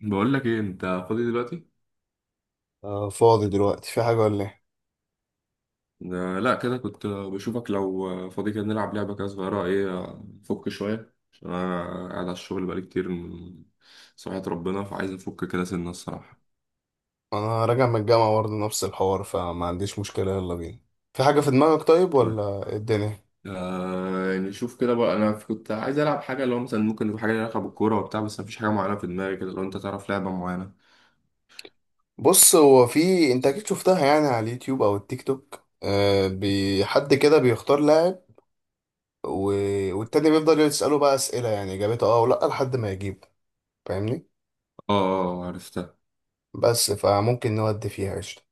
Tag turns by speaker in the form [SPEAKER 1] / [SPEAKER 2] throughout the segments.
[SPEAKER 1] بقول لك ايه، انت فاضي دلوقتي؟
[SPEAKER 2] فاضي دلوقتي في حاجة ولا ايه؟
[SPEAKER 1] آه، لا كده كنت، بشوفك لو فاضي كده نلعب لعبه كده صغيره، ايه، نفك شويه عشان انا قاعد على الشغل بقالي كتير من صحية ربنا، فعايز افك كده سنه الصراحه.
[SPEAKER 2] انا راجع من الجامعة برضه نفس الحوار فما عنديش مشكلة يلا بينا. في حاجة في دماغك طيب
[SPEAKER 1] طيب.
[SPEAKER 2] ولا إيه الدنيا؟
[SPEAKER 1] يعني شوف كده بقى، انا كنت عايز العب حاجه، اللي هو مثلا ممكن يبقى حاجه ليها علاقه بالكوره وبتاع، بس مفيش حاجه معينه في دماغي كده، لو انت تعرف لعبه معينه.
[SPEAKER 2] بص هو في انت اكيد شفتها يعني على اليوتيوب او التيك توك، حد كده بيختار لاعب و... والتاني بيفضل يسأله بقى أسئلة يعني إجابته اه ولا لحد ما يجيب. فاهمني؟
[SPEAKER 1] اه اه، عرفتها.
[SPEAKER 2] بس فممكن نودي فيها قشطة.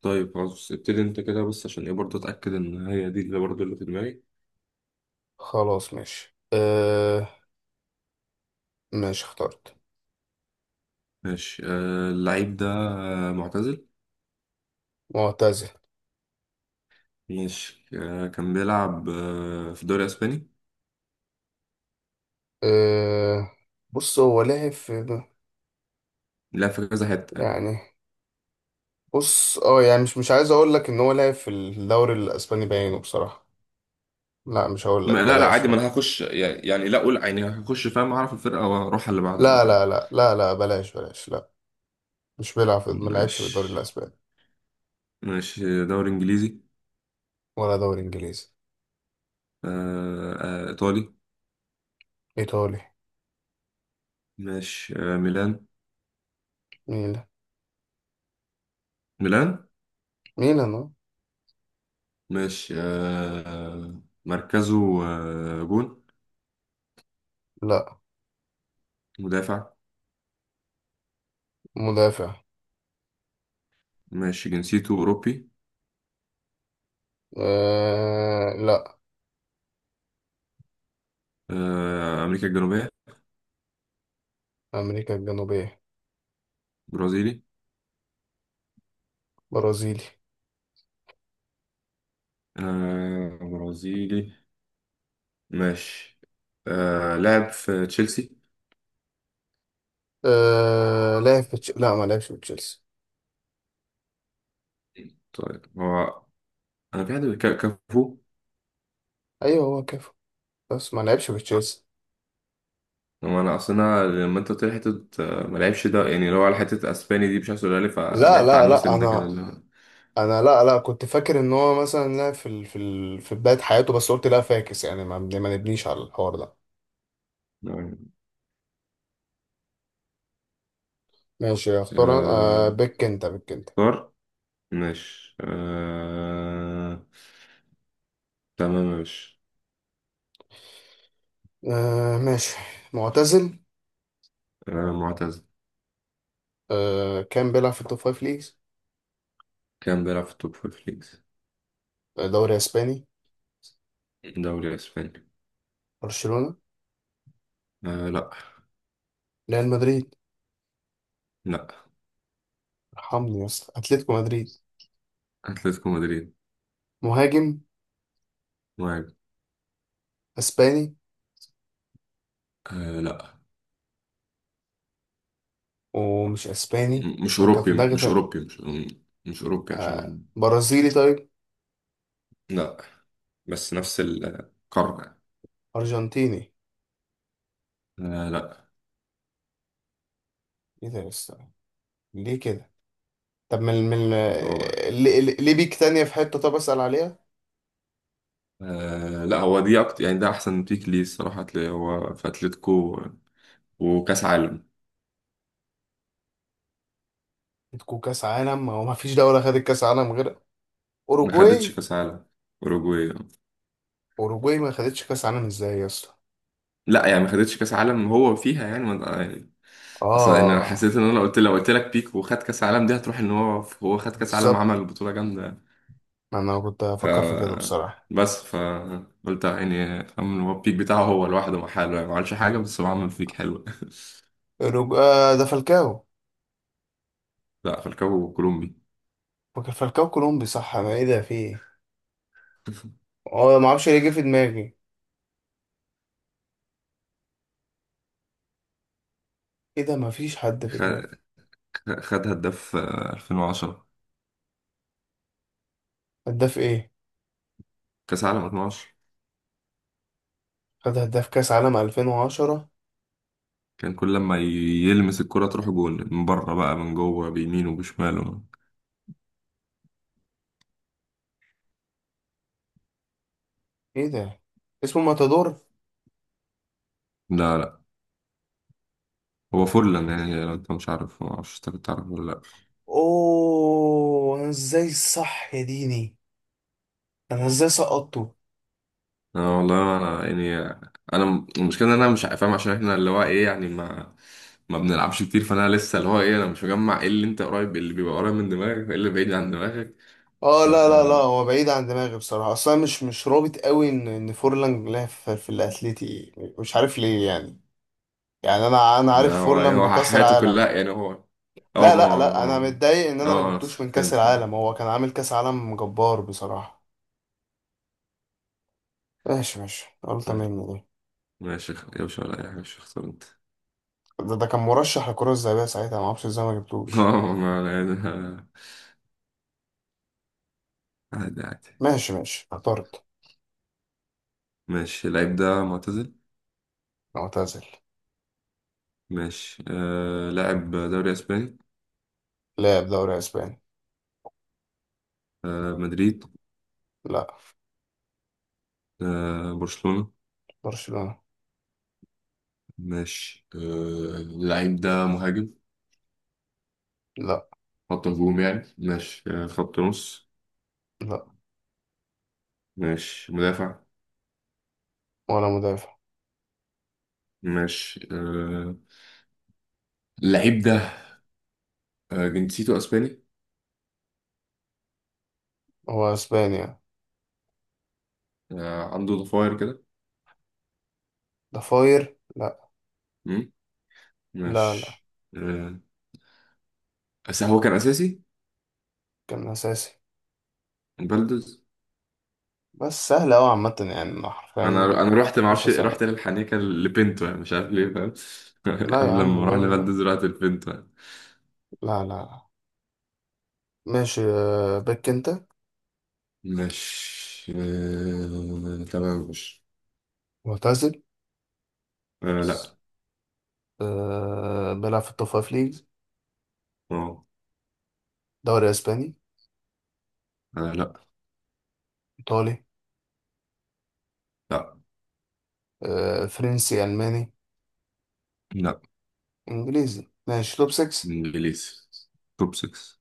[SPEAKER 1] طيب خلاص، ابتدي انت كده بس عشان ايه برضه اتاكد ان هي دي اللي برضه اللي في دماغي.
[SPEAKER 2] خلاص ماشي ماشي اخترت.
[SPEAKER 1] ماشي. اللعيب ده معتزل.
[SPEAKER 2] معتزل.
[SPEAKER 1] ماشي، كان بيلعب في الدوري الاسباني.
[SPEAKER 2] أه... بص هو لعب في،
[SPEAKER 1] لا، في كذا حته يعني.
[SPEAKER 2] يعني بص اه يعني مش عايز اقول لك ان هو لعب في الدوري الاسباني باينه بصراحه. لا مش هقول لك
[SPEAKER 1] لا لا،
[SPEAKER 2] بلاش
[SPEAKER 1] عادي، ما
[SPEAKER 2] لا.
[SPEAKER 1] انا هخش، يعني لا، اقول يعني هخش، فاهم، اعرف الفرقه واروح على اللي بعده
[SPEAKER 2] لا
[SPEAKER 1] عادي.
[SPEAKER 2] لا لا لا لا بلاش بلاش لا. مش بيلعب في، ما لعبش في الدوري
[SPEAKER 1] ماشي.
[SPEAKER 2] الاسباني.
[SPEAKER 1] ماشي، دوري انجليزي.
[SPEAKER 2] ولا دوري انجليزي.
[SPEAKER 1] ايطالي.
[SPEAKER 2] ايطالي.
[SPEAKER 1] ماشي، ميلان.
[SPEAKER 2] ميلان.
[SPEAKER 1] ميلان.
[SPEAKER 2] ميلان اه.
[SPEAKER 1] ماشي، مركزه جون.
[SPEAKER 2] لا
[SPEAKER 1] مدافع.
[SPEAKER 2] مدافع.
[SPEAKER 1] ماشي، جنسيته اوروبي.
[SPEAKER 2] آه لا،
[SPEAKER 1] امريكا الجنوبيه.
[SPEAKER 2] امريكا الجنوبيه.
[SPEAKER 1] برازيلي.
[SPEAKER 2] برازيلي.
[SPEAKER 1] برازيلي. ماشي، لعب في تشيلسي.
[SPEAKER 2] آه لعب في لا ما لعبش في تشيلسي.
[SPEAKER 1] طيب هو، انا في حد كافو.
[SPEAKER 2] ايوه هو كافو، بس ما لعبش في تشيلسي.
[SPEAKER 1] هو انا اصلا، أنا لما انت قلت لي حته ما لعبش، ده يعني اللي هو على حته اسباني دي مش عايز تقولها لي،
[SPEAKER 2] لا
[SPEAKER 1] فبعدت
[SPEAKER 2] لا
[SPEAKER 1] عنه
[SPEAKER 2] لا
[SPEAKER 1] سنه كده
[SPEAKER 2] انا،
[SPEAKER 1] اللي هو.
[SPEAKER 2] انا لا لا كنت فاكر ان هو مثلا لا في بداية حياته، بس قلت لا فاكس يعني ما نبنيش على الحوار ده.
[SPEAKER 1] نعم.
[SPEAKER 2] ماشي اختار آه
[SPEAKER 1] آه
[SPEAKER 2] بك انت، بك انت.
[SPEAKER 1] طار. ماشي، تمام. ماشي،
[SPEAKER 2] آه ماشي. معتزل.
[SPEAKER 1] معتز.
[SPEAKER 2] آه كان بيلعب في التوب فايف ليجز.
[SPEAKER 1] كان بيلعب في التوب فور ليجز.
[SPEAKER 2] آه، دوري اسباني.
[SPEAKER 1] دوري اسباني.
[SPEAKER 2] برشلونة.
[SPEAKER 1] آه لا.
[SPEAKER 2] ريال مدريد.
[SPEAKER 1] لا.
[SPEAKER 2] ارحمني يا اسطى، اتلتيكو مدريد.
[SPEAKER 1] اتلتيكو مدريد.
[SPEAKER 2] مهاجم.
[SPEAKER 1] مهاجم.
[SPEAKER 2] اسباني.
[SPEAKER 1] آه لا.
[SPEAKER 2] ومش اسباني،
[SPEAKER 1] مش
[SPEAKER 2] انا كان في
[SPEAKER 1] أوروبي،
[SPEAKER 2] دماغي
[SPEAKER 1] مش
[SPEAKER 2] فرق.
[SPEAKER 1] أوروبي، مش أوروبي
[SPEAKER 2] آه
[SPEAKER 1] عشان.
[SPEAKER 2] برازيلي طيب.
[SPEAKER 1] لا. بس نفس القارة.
[SPEAKER 2] ارجنتيني.
[SPEAKER 1] آه لا.
[SPEAKER 2] ايه ده يا اسطى، ليه كده؟ طب من
[SPEAKER 1] هو
[SPEAKER 2] ليه ليه بيك تانية في حتة؟ طب أسأل عليها.
[SPEAKER 1] هو دي أكتر يعني، ده أحسن بيك ليه الصراحة، هتلاقي هو في أتلتيكو وكأس عالم.
[SPEAKER 2] عندكوا كأس عالم، ما هو ما فيش دولة خدت كأس عالم غير
[SPEAKER 1] ما خدتش
[SPEAKER 2] أوروجواي.
[SPEAKER 1] كأس عالم، أوروجواي؟
[SPEAKER 2] أوروجواي ما خدتش كأس عالم إزاي يا اسطى.
[SPEAKER 1] لا يعني ما خدتش كأس عالم هو فيها يعني ما يعني. أصلا أنا
[SPEAKER 2] آه
[SPEAKER 1] حسيت إن أنا لو قلت لك بيك وخد كأس عالم، دي هتروح إن هو خد كأس عالم،
[SPEAKER 2] بالظبط،
[SPEAKER 1] عمل بطولة جامدة.
[SPEAKER 2] ما أنا كنت أفكر في كده بصراحة.
[SPEAKER 1] بس فقلت يعني فاهم إن هو البيك بتاعه هو لوحده مع حاله، يعني ما عملش حاجه، بس هو عمل بيك حلو.
[SPEAKER 2] آه ده فالكاو.
[SPEAKER 1] لا، فالكاو كولومبي.
[SPEAKER 2] فاكر فالكاو كولومبي صح، أنا إيه ده في إيه. آه ما أعرفش ليه جه في دماغي. إيه ده، ما فيش حد في
[SPEAKER 1] خ-
[SPEAKER 2] دماغي.
[SPEAKER 1] خد هداف 2010،
[SPEAKER 2] هداف إيه؟
[SPEAKER 1] كاس عالم 2010.
[SPEAKER 2] خد هداف كأس عالم 2010.
[SPEAKER 1] كان كل لما يلمس الكرة تروح جول، من بره بقى من جوه، بيمينه وبشماله.
[SPEAKER 2] إيه ده، اسمه ماتادور.
[SPEAKER 1] لا لا، هو فورلان، يعني لو انت مش عارف ما اعرفش، انت كنت عارف ولا؟
[SPEAKER 2] أوه أنا إزاي صح يا ديني، انا ازاي سقطته.
[SPEAKER 1] اه والله انا يعني، انا المشكله ان انا مش فاهم، عشان احنا اللي هو ايه يعني ما بنلعبش كتير، فانا لسه اللي هو ايه انا مش مجمع ايه اللي انت قريب، اللي بيبقى قريب من دماغك وايه اللي بعيد عن دماغك.
[SPEAKER 2] اه
[SPEAKER 1] ف
[SPEAKER 2] لا لا لا، هو بعيد عن دماغي بصراحه، اصلا مش رابط قوي ان فورلان لعب في الاتليتي. مش عارف ليه يعني. يعني انا
[SPEAKER 1] ده
[SPEAKER 2] عارف
[SPEAKER 1] هو يعني،
[SPEAKER 2] فورلان
[SPEAKER 1] هو
[SPEAKER 2] بكاس
[SPEAKER 1] حياته
[SPEAKER 2] العالم.
[SPEAKER 1] كلها يعني هو. اه
[SPEAKER 2] لا
[SPEAKER 1] ما
[SPEAKER 2] لا لا، انا
[SPEAKER 1] هو
[SPEAKER 2] متضايق ان
[SPEAKER 1] اه.
[SPEAKER 2] انا ما
[SPEAKER 1] اه، أنا
[SPEAKER 2] جبتوش من كاس
[SPEAKER 1] فهمت.
[SPEAKER 2] العالم، هو كان عامل كاس عالم جبار بصراحه. ماشي ماشي، غلطه مني دي.
[SPEAKER 1] ماشي يا باشا، ولا اي حاجه، مش اختار انت.
[SPEAKER 2] ده كان مرشح للكره الذهبيه ساعتها، ما اعرفش ازاي ما جبتوش.
[SPEAKER 1] اه ما أنا- يعني- عادي عادي.
[SPEAKER 2] ماشي ماشي اخترت.
[SPEAKER 1] ماشي، اللعيب ده معتزل.
[SPEAKER 2] معتزل.
[SPEAKER 1] ماشي، لاعب دوري اسباني.
[SPEAKER 2] لاعب دوري اسباني.
[SPEAKER 1] مدريد.
[SPEAKER 2] لا.
[SPEAKER 1] برشلونه.
[SPEAKER 2] برشلونه.
[SPEAKER 1] ماشي، اللعيب ده مهاجم.
[SPEAKER 2] لا.
[SPEAKER 1] خط هجوم يعني. ماشي، خط نص.
[SPEAKER 2] لا
[SPEAKER 1] ماشي، مدافع.
[SPEAKER 2] ولا مدافع.
[SPEAKER 1] ماشي، اللعيب ده جنسيته اسباني.
[SPEAKER 2] هو اسبانيا.
[SPEAKER 1] عنده ضفاير كده.
[SPEAKER 2] ضفاير لا.
[SPEAKER 1] مم،
[SPEAKER 2] لا لا.
[SPEAKER 1] ماشي، آه، بس هو كان اساسي.
[SPEAKER 2] كان أساسي.
[SPEAKER 1] بلدز.
[SPEAKER 2] بس سهل أوي عامة يعني أنا حرفيا.
[SPEAKER 1] انا رحت، ما
[SPEAKER 2] مش
[SPEAKER 1] اعرفش، رحت
[SPEAKER 2] ثانية.
[SPEAKER 1] للحنيكه لبنتو يعني، مش عارف ليه فاهم.
[SPEAKER 2] لا يا
[SPEAKER 1] قبل
[SPEAKER 2] عم
[SPEAKER 1] ما اروح
[SPEAKER 2] ليه يعني؟
[SPEAKER 1] لبلدز رحت لبنتو يعني.
[SPEAKER 2] لا لا لا. ماشي آه، بك أنت.
[SPEAKER 1] ماشي، تمام. ماشي،
[SPEAKER 2] معتزل.
[SPEAKER 1] لا.
[SPEAKER 2] آه، بيلعب في التوب فايف ليجز.
[SPEAKER 1] اه،
[SPEAKER 2] دوري أسباني.
[SPEAKER 1] لا
[SPEAKER 2] إيطالي.
[SPEAKER 1] لا
[SPEAKER 2] آه، فرنسي ألماني.
[SPEAKER 1] لا،
[SPEAKER 2] إنجليزي، ماشي توب 6.
[SPEAKER 1] انجليزي توب 6.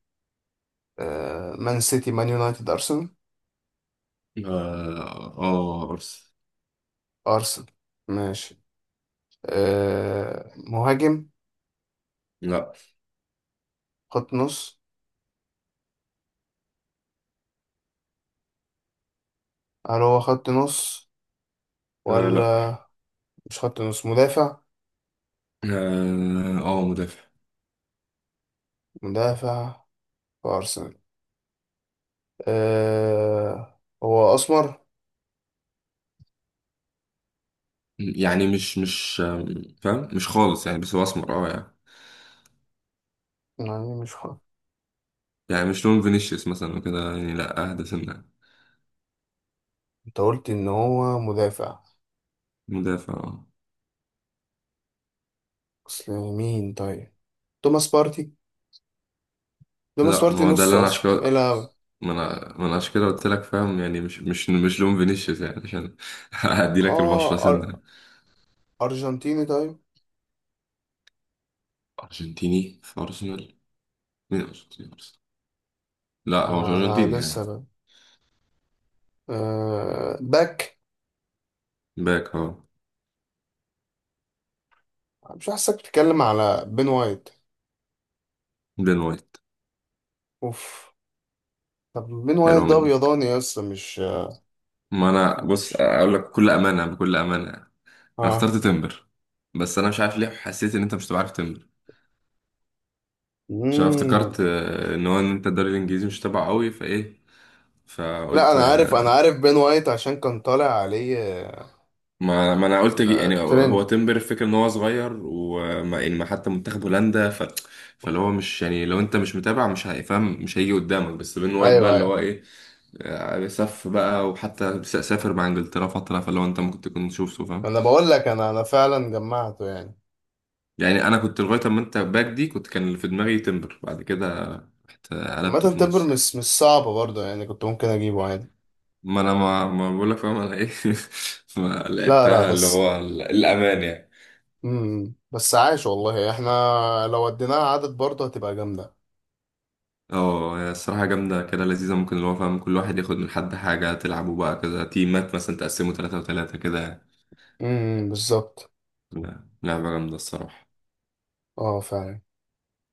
[SPEAKER 2] مان سيتي، مان يونايتد، أرسنال.
[SPEAKER 1] اه، ارسنال.
[SPEAKER 2] أرسنال. ماشي آه، مهاجم.
[SPEAKER 1] لا.
[SPEAKER 2] خط نص، هل هو خط نص
[SPEAKER 1] آه لا.
[SPEAKER 2] ولا؟ مش خط نص، مدافع.
[SPEAKER 1] اه، مدافع.
[SPEAKER 2] مدافع في أرسنال. أه هو أسمر.
[SPEAKER 1] يعني مش فاهم، مش خالص يعني، بس هو اسمر اه يعني.
[SPEAKER 2] يعني مش حق.
[SPEAKER 1] يعني مش لون فينيسيوس مثلا وكده يعني، لا اهدى سنة.
[SPEAKER 2] أنت قلت إن هو مدافع.
[SPEAKER 1] مدافع آه.
[SPEAKER 2] أصل مين طيب؟ توماس بارتي. توماس
[SPEAKER 1] لا،
[SPEAKER 2] بارتي
[SPEAKER 1] ما هو ده
[SPEAKER 2] نص
[SPEAKER 1] اللي انا عشان
[SPEAKER 2] أصلا، إيه
[SPEAKER 1] كده،
[SPEAKER 2] لا.
[SPEAKER 1] ما انا عشان كده قلت لك فاهم، يعني مش لون فينيسيوس يعني، عشان هدي لك البشرة
[SPEAKER 2] آه أر...
[SPEAKER 1] سنة.
[SPEAKER 2] أرجنتيني طيب.
[SPEAKER 1] ارجنتيني في ارسنال؟ مين ارجنتيني في ارسنال؟ لا هو مش
[SPEAKER 2] أنا
[SPEAKER 1] ارجنتيني
[SPEAKER 2] أنا
[SPEAKER 1] يعني.
[SPEAKER 2] لسه ب... أه باك.
[SPEAKER 1] باك اه.
[SPEAKER 2] مش حاسسك بتتكلم على بين وايت؟
[SPEAKER 1] بين وايت.
[SPEAKER 2] أوف. طب بين وايت
[SPEAKER 1] حلوة
[SPEAKER 2] ده
[SPEAKER 1] منك.
[SPEAKER 2] أبيضاني أصلا مش؟
[SPEAKER 1] ما انا بص
[SPEAKER 2] مش-
[SPEAKER 1] اقول لك بكل امانه بكل امانه، انا
[SPEAKER 2] آه.
[SPEAKER 1] اخترت تمبر، بس انا مش عارف ليه حسيت ان انت مش تبقى عارف تمبر، عشان أنا
[SPEAKER 2] مم.
[SPEAKER 1] افتكرت ان هو ان انت الدوري الانجليزي مش تبعه قوي، فايه
[SPEAKER 2] لا
[SPEAKER 1] فقلت
[SPEAKER 2] أنا عارف، أنا عارف بين وايت عشان كان طالع عليه،
[SPEAKER 1] ما انا قلت
[SPEAKER 2] آه،
[SPEAKER 1] يعني هو
[SPEAKER 2] ترند.
[SPEAKER 1] تمبر، الفكره ان هو صغير وما يعني ما، حتى منتخب هولندا ف، فاللي هو مش يعني، لو انت مش متابع مش هيفهم، مش هيجي قدامك، بس بين وايت بقى
[SPEAKER 2] ايوه
[SPEAKER 1] اللي هو
[SPEAKER 2] أيوه.
[SPEAKER 1] ايه سف بقى، وحتى سافر مع انجلترا فتره، فاللي هو انت ممكن تكون شفته فاهم.
[SPEAKER 2] انا بقول لك انا فعلا جمعته يعني.
[SPEAKER 1] يعني انا كنت لغايه اما انت باك دي، كنت كان اللي في دماغي تمبر، بعد كده رحت قلبته
[SPEAKER 2] عامه
[SPEAKER 1] في
[SPEAKER 2] تمبر
[SPEAKER 1] النص يعني.
[SPEAKER 2] مش صعبه برضه يعني، كنت ممكن اجيبه عادي.
[SPEAKER 1] ما انا ما بقول لك فاهم انا ايه. ما
[SPEAKER 2] لا لا
[SPEAKER 1] لعبتها اللي
[SPEAKER 2] بس.
[SPEAKER 1] هو الامان يعني.
[SPEAKER 2] بس عايش والله احنا، لو وديناها عدد برضه هتبقى جامده.
[SPEAKER 1] اه هي الصراحه جامده كده لذيذه، ممكن اللي هو فاهم كل واحد ياخد من حد حاجه، تلعبوا بقى كده تيمات مثلا، تقسموا ثلاثة وثلاثة كده يعني.
[SPEAKER 2] بالظبط.
[SPEAKER 1] لا، لعبه جامده الصراحه.
[SPEAKER 2] اه فعلا.